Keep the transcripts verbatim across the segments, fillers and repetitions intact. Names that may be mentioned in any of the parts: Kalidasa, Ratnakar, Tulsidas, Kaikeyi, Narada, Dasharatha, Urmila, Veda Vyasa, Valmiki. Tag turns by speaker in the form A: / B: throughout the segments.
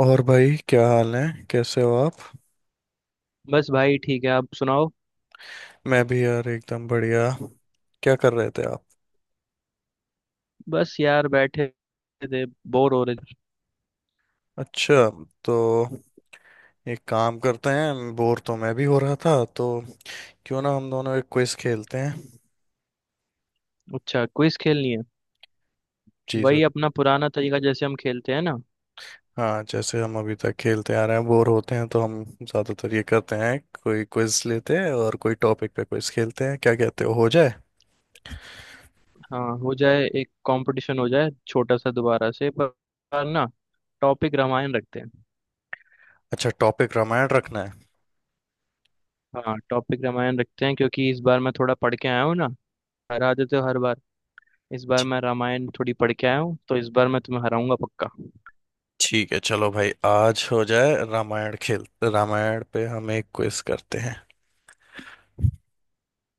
A: और भाई क्या हाल है। कैसे हो आप।
B: बस भाई ठीक है। आप सुनाओ।
A: मैं भी यार एकदम बढ़िया। क्या कर रहे थे आप।
B: बस यार बैठे थे, बोर हो रहे थे।
A: अच्छा, तो एक काम करते हैं, बोर तो मैं भी हो रहा था, तो क्यों ना हम दोनों एक क्विज खेलते हैं।
B: अच्छा, क्विज खेलनी है।
A: जी सर।
B: वही अपना पुराना तरीका जैसे हम खेलते हैं ना।
A: हाँ, जैसे हम अभी तक खेलते आ रहे हैं, बोर होते हैं तो हम ज़्यादातर ये करते हैं, कोई क्विज लेते हैं और कोई टॉपिक पे क्विज खेलते हैं। क्या कहते हो हो जाए।
B: हाँ, हो जाए। एक कंपटीशन हो जाए छोटा सा दोबारा से, पर पर ना टॉपिक रामायण रखते हैं।
A: अच्छा, टॉपिक रामायण रखना है।
B: हाँ, टॉपिक रामायण रखते हैं क्योंकि इस बार मैं थोड़ा पढ़ के आया हूँ ना। हरा देते हो हर बार। इस बार मैं रामायण थोड़ी पढ़ के आया हूँ तो इस बार मैं तुम्हें हराऊंगा पक्का।
A: ठीक है, चलो भाई, आज हो जाए रामायण खेल। रामायण पे हम एक क्विज करते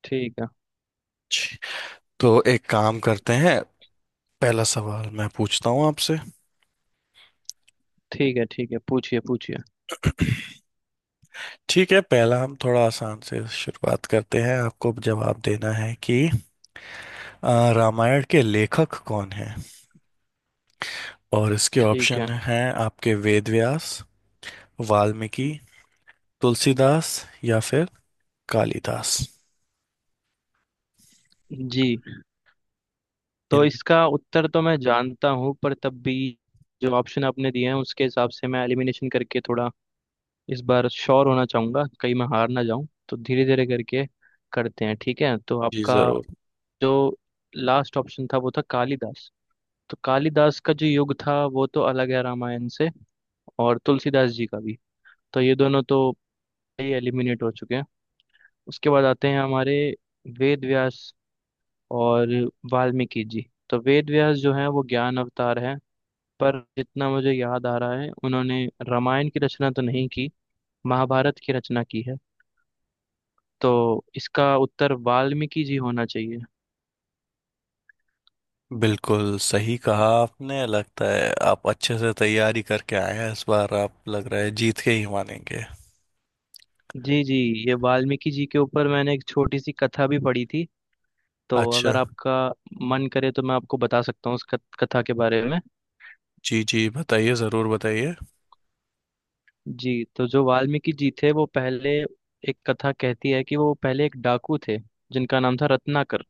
B: ठीक है।
A: हैं। तो एक काम करते हैं, पहला सवाल मैं पूछता हूँ आपसे।
B: ठीक है। ठीक है, पूछिए पूछिए।
A: ठीक है, पहला हम थोड़ा आसान से शुरुआत करते हैं, आपको जवाब देना है कि अ, रामायण के लेखक कौन हैं। और इसके
B: ठीक है।
A: ऑप्शन हैं आपके — वेद व्यास, वाल्मीकि, तुलसीदास, या फिर कालिदास।
B: जी, तो
A: इन
B: इसका उत्तर तो मैं जानता हूँ पर तब भी जो ऑप्शन आपने दिए हैं उसके हिसाब से मैं एलिमिनेशन करके थोड़ा इस बार श्योर होना चाहूंगा, कहीं मैं हार ना जाऊं, तो धीरे धीरे करके करते हैं। ठीक है, तो
A: जी
B: आपका
A: जरूर।
B: जो लास्ट ऑप्शन था वो था कालिदास। तो कालिदास का जो युग था वो तो अलग है रामायण से, और तुलसीदास जी का भी। तो ये दोनों तो एलिमिनेट हो चुके हैं। उसके बाद आते हैं हमारे वेद व्यास और वाल्मीकि जी। तो वेद व्यास जो है वो ज्ञान अवतार है, पर जितना मुझे याद आ रहा है उन्होंने रामायण की रचना तो नहीं की, महाभारत की रचना की है। तो इसका उत्तर वाल्मीकि जी होना चाहिए।
A: बिल्कुल सही कहा आपने, लगता है आप अच्छे से तैयारी करके आए हैं, इस बार आप लग रहा है जीत के ही मानेंगे।
B: जी जी। ये वाल्मीकि जी के ऊपर मैंने एक छोटी सी कथा भी पढ़ी थी, तो
A: अच्छा।
B: अगर आपका मन करे तो मैं आपको बता सकता हूँ उस कथ- कथा के बारे में।
A: जी जी, बताइए जरूर बताइए।
B: जी, तो जो वाल्मीकि जी थे वो पहले, एक कथा कहती है कि वो पहले एक डाकू थे जिनका नाम था रत्नाकर,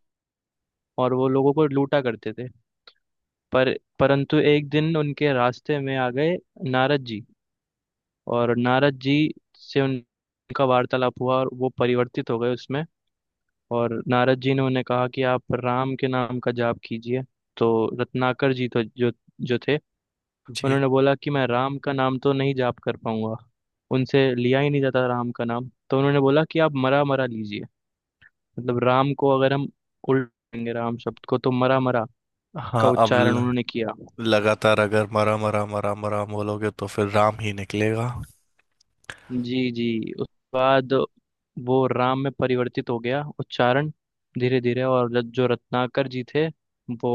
B: और वो लोगों को लूटा करते थे। पर परंतु एक दिन उनके रास्ते में आ गए नारद जी, और नारद जी से उनका वार्तालाप हुआ और वो परिवर्तित हो गए उसमें। और नारद जी ने उन्हें कहा कि आप राम के नाम का जाप कीजिए। तो रत्नाकर जी तो जो जो थे,
A: जी।
B: उन्होंने बोला कि मैं राम का नाम तो नहीं जाप कर पाऊंगा, उनसे लिया ही नहीं जाता राम का नाम। तो उन्होंने बोला कि आप मरा मरा लीजिए, मतलब राम को अगर हम उल्टेंगे, राम शब्द को, तो मरा मरा का
A: हाँ, अब
B: उच्चारण
A: ल,
B: उन्होंने किया।
A: लगातार अगर मरा मरा मरा मरा बोलोगे तो फिर राम ही निकलेगा।
B: जी जी। उस बाद वो राम में परिवर्तित हो गया उच्चारण धीरे धीरे। और र- जो रत्नाकर जी थे वो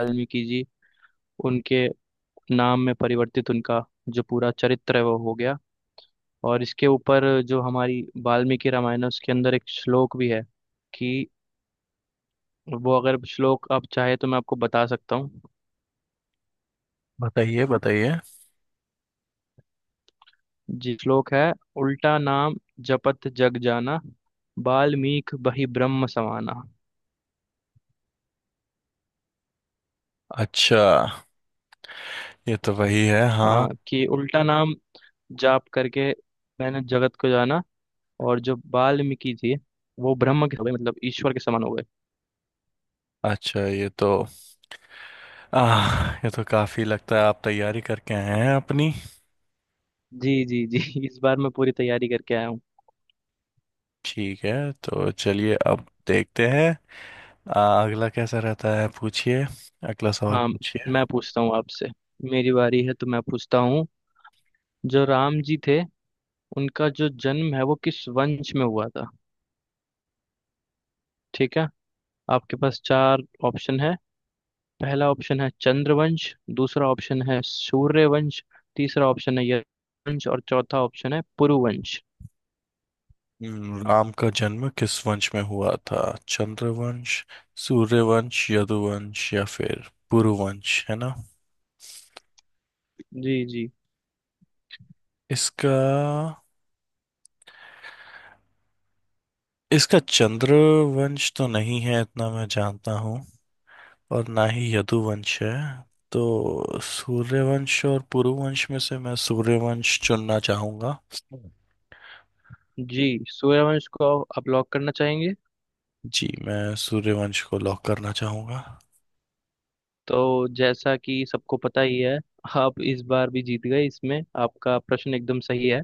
B: वाल्मीकि जी, उनके नाम में परिवर्तित, उनका जो पूरा चरित्र है वो हो गया। और इसके ऊपर जो हमारी वाल्मीकि रामायण है उसके अंदर एक श्लोक भी है कि, वो अगर श्लोक आप चाहे तो मैं आपको बता सकता हूँ।
A: बताइए बताइए।
B: जी, श्लोक है, उल्टा नाम जपत जग जाना, वाल्मीकि बहि ब्रह्म समाना।
A: अच्छा, ये तो वही है,
B: हाँ
A: हाँ।
B: कि उल्टा नाम जाप करके मैंने जगत को जाना, और जो वाल्मीकि जी वो ब्रह्म के हो गए, मतलब ईश्वर के समान हो गए।
A: अच्छा, ये तो आह, ये तो काफी लगता है आप तैयारी करके आए हैं अपनी।
B: जी जी जी। इस बार मैं पूरी तैयारी करके आया हूँ।
A: ठीक है, तो चलिए अब देखते हैं आ, अगला कैसा रहता है, पूछिए। अगला सवाल
B: हाँ,
A: पूछिए।
B: मैं पूछता हूँ आपसे। मेरी बारी है तो मैं पूछता हूँ। जो राम जी थे, उनका जो जन्म है वो किस वंश में हुआ था? ठीक है। आपके पास चार ऑप्शन है। पहला ऑप्शन है चंद्रवंश। दूसरा ऑप्शन है सूर्यवंश। तीसरा ऑप्शन है यश वंश। और चौथा ऑप्शन है पुरुवंश।
A: हम्म, राम का जन्म किस वंश में हुआ था। चंद्रवंश, सूर्यवंश, यदुवंश या फिर पुरुवंश, है ना।
B: जी जी।
A: इसका इसका चंद्रवंश तो नहीं है, इतना मैं जानता हूँ। और ना ही यदुवंश है। तो सूर्यवंश और पुरुवंश में से मैं सूर्यवंश चुनना चाहूंगा।
B: जी, सूर्यवंश को आप लॉक करना चाहेंगे?
A: जी, मैं सूर्यवंश को लॉक करना चाहूंगा।
B: तो जैसा कि सबको पता ही है, आप इस बार भी जीत गए इसमें। आपका प्रश्न एकदम सही है।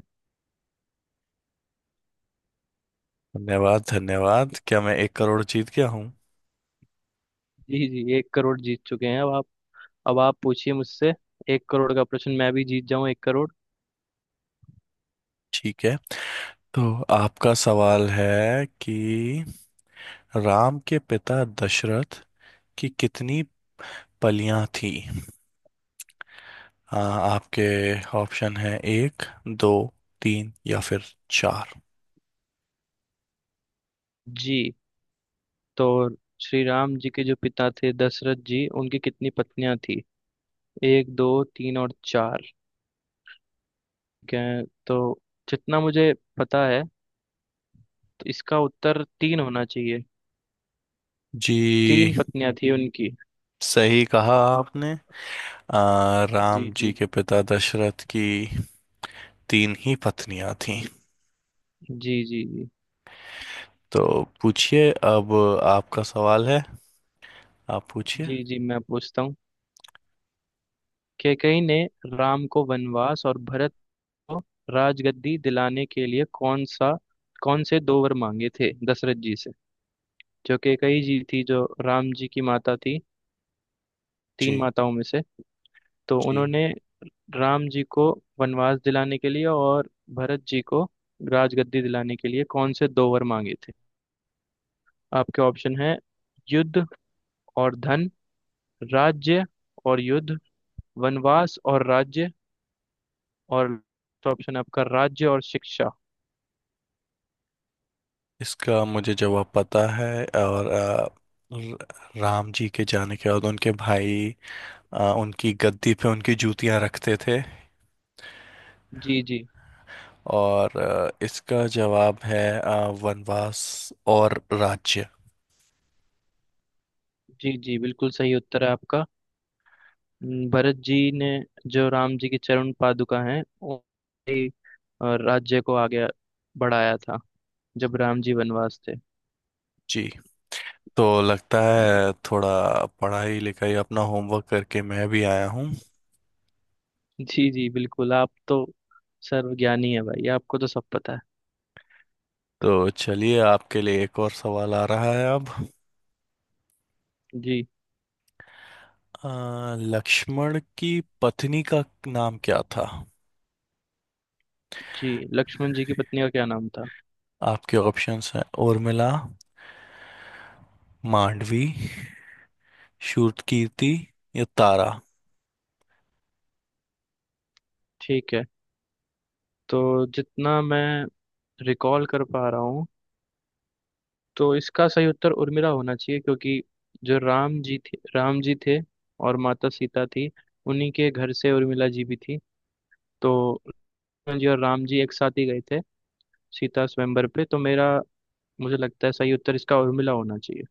A: धन्यवाद धन्यवाद, क्या मैं एक करोड़ जीत गया हूँ।
B: जी जी, एक करोड़ जीत चुके हैं अब आप। अब आप पूछिए मुझसे, एक करोड़ का प्रश्न मैं भी जीत जाऊं, एक करोड़।
A: ठीक है, तो आपका सवाल है कि राम के पिता दशरथ की कितनी पलियां थी। आ, आपके ऑप्शन है — एक, दो, तीन या फिर चार।
B: जी, तो श्री राम जी के जो पिता थे दशरथ जी, उनकी कितनी पत्नियां थी? एक, दो, तीन और चार। ठीक है, तो जितना मुझे पता है तो इसका उत्तर तीन होना चाहिए। तीन
A: जी।
B: पत्नियां थी उनकी।
A: सही कहा आपने, आ,
B: जी
A: राम जी
B: जी।
A: के पिता दशरथ की तीन ही पत्नियां थीं।
B: जी जी। जी
A: तो पूछिए अब, आपका सवाल है, आप पूछिए।
B: जी जी। मैं पूछता हूँ, कैकई ने राम को वनवास और भरत को राजगद्दी दिलाने के लिए कौन सा कौन से दो वर मांगे थे दशरथ जी से? जो कैकई जी थी, जो राम जी की माता थी तीन
A: जी
B: माताओं में से, तो
A: जी।
B: उन्होंने राम जी को वनवास दिलाने के लिए और भरत जी को राजगद्दी दिलाने के लिए कौन से दो वर मांगे थे? आपके ऑप्शन है, युद्ध और धन, राज्य और युद्ध, वनवास और राज्य, और ऑप्शन आपका राज्य और शिक्षा।
A: इसका मुझे जवाब पता है, और आ, र- राम जी के जाने के बाद उनके भाई आ, उनकी गद्दी पे उनकी जूतियां रखते थे।
B: जी जी।
A: और अ, इसका जवाब है अ, वनवास और राज्य।
B: जी जी, बिल्कुल सही उत्तर है आपका। हम्म, भरत जी ने जो राम जी की चरण पादुका हैं उन्होंने ही, अ, राज्य को आगे बढ़ाया था, जब राम जी वनवास थे।
A: जी। तो लगता है थोड़ा पढ़ाई लिखाई अपना होमवर्क करके मैं भी आया हूँ।
B: जी जी, बिल्कुल, आप तो सर्वज्ञानी है भाई, आपको तो सब पता है।
A: तो चलिए, आपके लिए एक और सवाल आ रहा है अब।
B: जी
A: अ, लक्ष्मण की पत्नी का नाम क्या था।
B: जी। लक्ष्मण जी की पत्नी का क्या नाम था?
A: आपके ऑप्शंस हैं — उर्मिला, मांडवी, शूरकीर्ति या तारा।
B: ठीक है, तो जितना मैं रिकॉल कर पा रहा हूँ तो इसका सही उत्तर उर्मिला होना चाहिए, क्योंकि जो राम जी थे राम जी थे और माता सीता थी, उन्हीं के घर से उर्मिला जी भी थी। तो उर्मिला जी और राम जी एक साथ ही गए थे सीता स्वयंवर पे। तो मेरा मुझे लगता है सही उत्तर इसका उर्मिला होना चाहिए।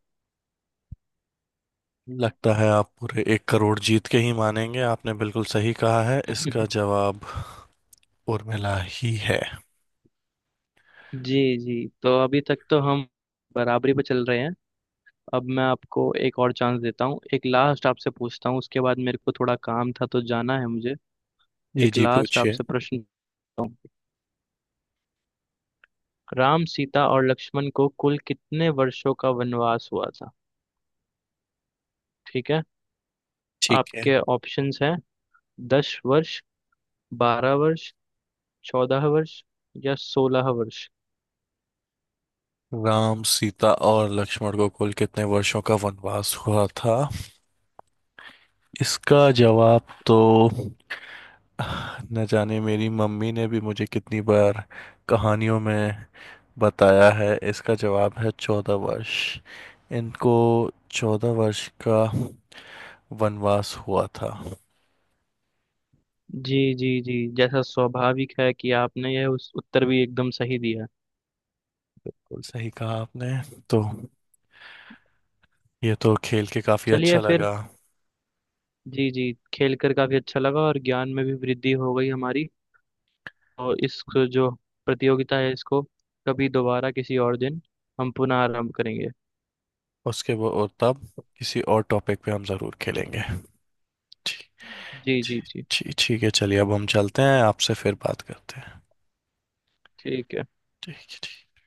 A: लगता है आप पूरे एक करोड़ जीत के ही मानेंगे, आपने बिल्कुल सही कहा है, इसका जवाब उर्मिला ही है।
B: जी जी, तो अभी तक तो हम बराबरी पे चल रहे हैं। अब मैं आपको एक और चांस देता हूँ, एक लास्ट आपसे पूछता हूँ, उसके बाद मेरे को थोड़ा काम था तो जाना है मुझे।
A: जी
B: एक
A: जी,
B: लास्ट
A: पूछिए।
B: आपसे प्रश्न पूछता हूँ। राम, सीता और लक्ष्मण को कुल कितने वर्षों का वनवास हुआ था? ठीक है।
A: ठीक है।
B: आपके ऑप्शंस हैं, दस वर्ष, बारह वर्ष, चौदह वर्ष या सोलह वर्ष।
A: राम, सीता और लक्ष्मण को कुल कितने वर्षों का वनवास हुआ था। इसका जवाब तो, न जाने मेरी मम्मी ने भी मुझे कितनी बार कहानियों में बताया है, इसका जवाब है चौदह वर्ष। इनको चौदह वर्ष का वनवास हुआ था।
B: जी जी जी, जैसा स्वाभाविक है कि आपने यह उस उत्तर भी एकदम सही दिया।
A: बिल्कुल सही कहा आपने। तो ये तो खेल के काफी
B: चलिए
A: अच्छा
B: फिर।
A: लगा।
B: जी जी, खेल कर काफी अच्छा लगा और ज्ञान में भी वृद्धि हो गई हमारी। और इस जो प्रतियोगिता है इसको कभी दोबारा किसी और दिन हम पुनः आरंभ करेंगे।
A: उसके वो और तब किसी और टॉपिक पे हम जरूर खेलेंगे। ठीक।
B: जी जी
A: ठीक।
B: जी।
A: ठीक। ठीक है, चलिए अब हम चलते हैं, आपसे फिर बात करते हैं।
B: ठीक है।
A: ठीक है। ठीक।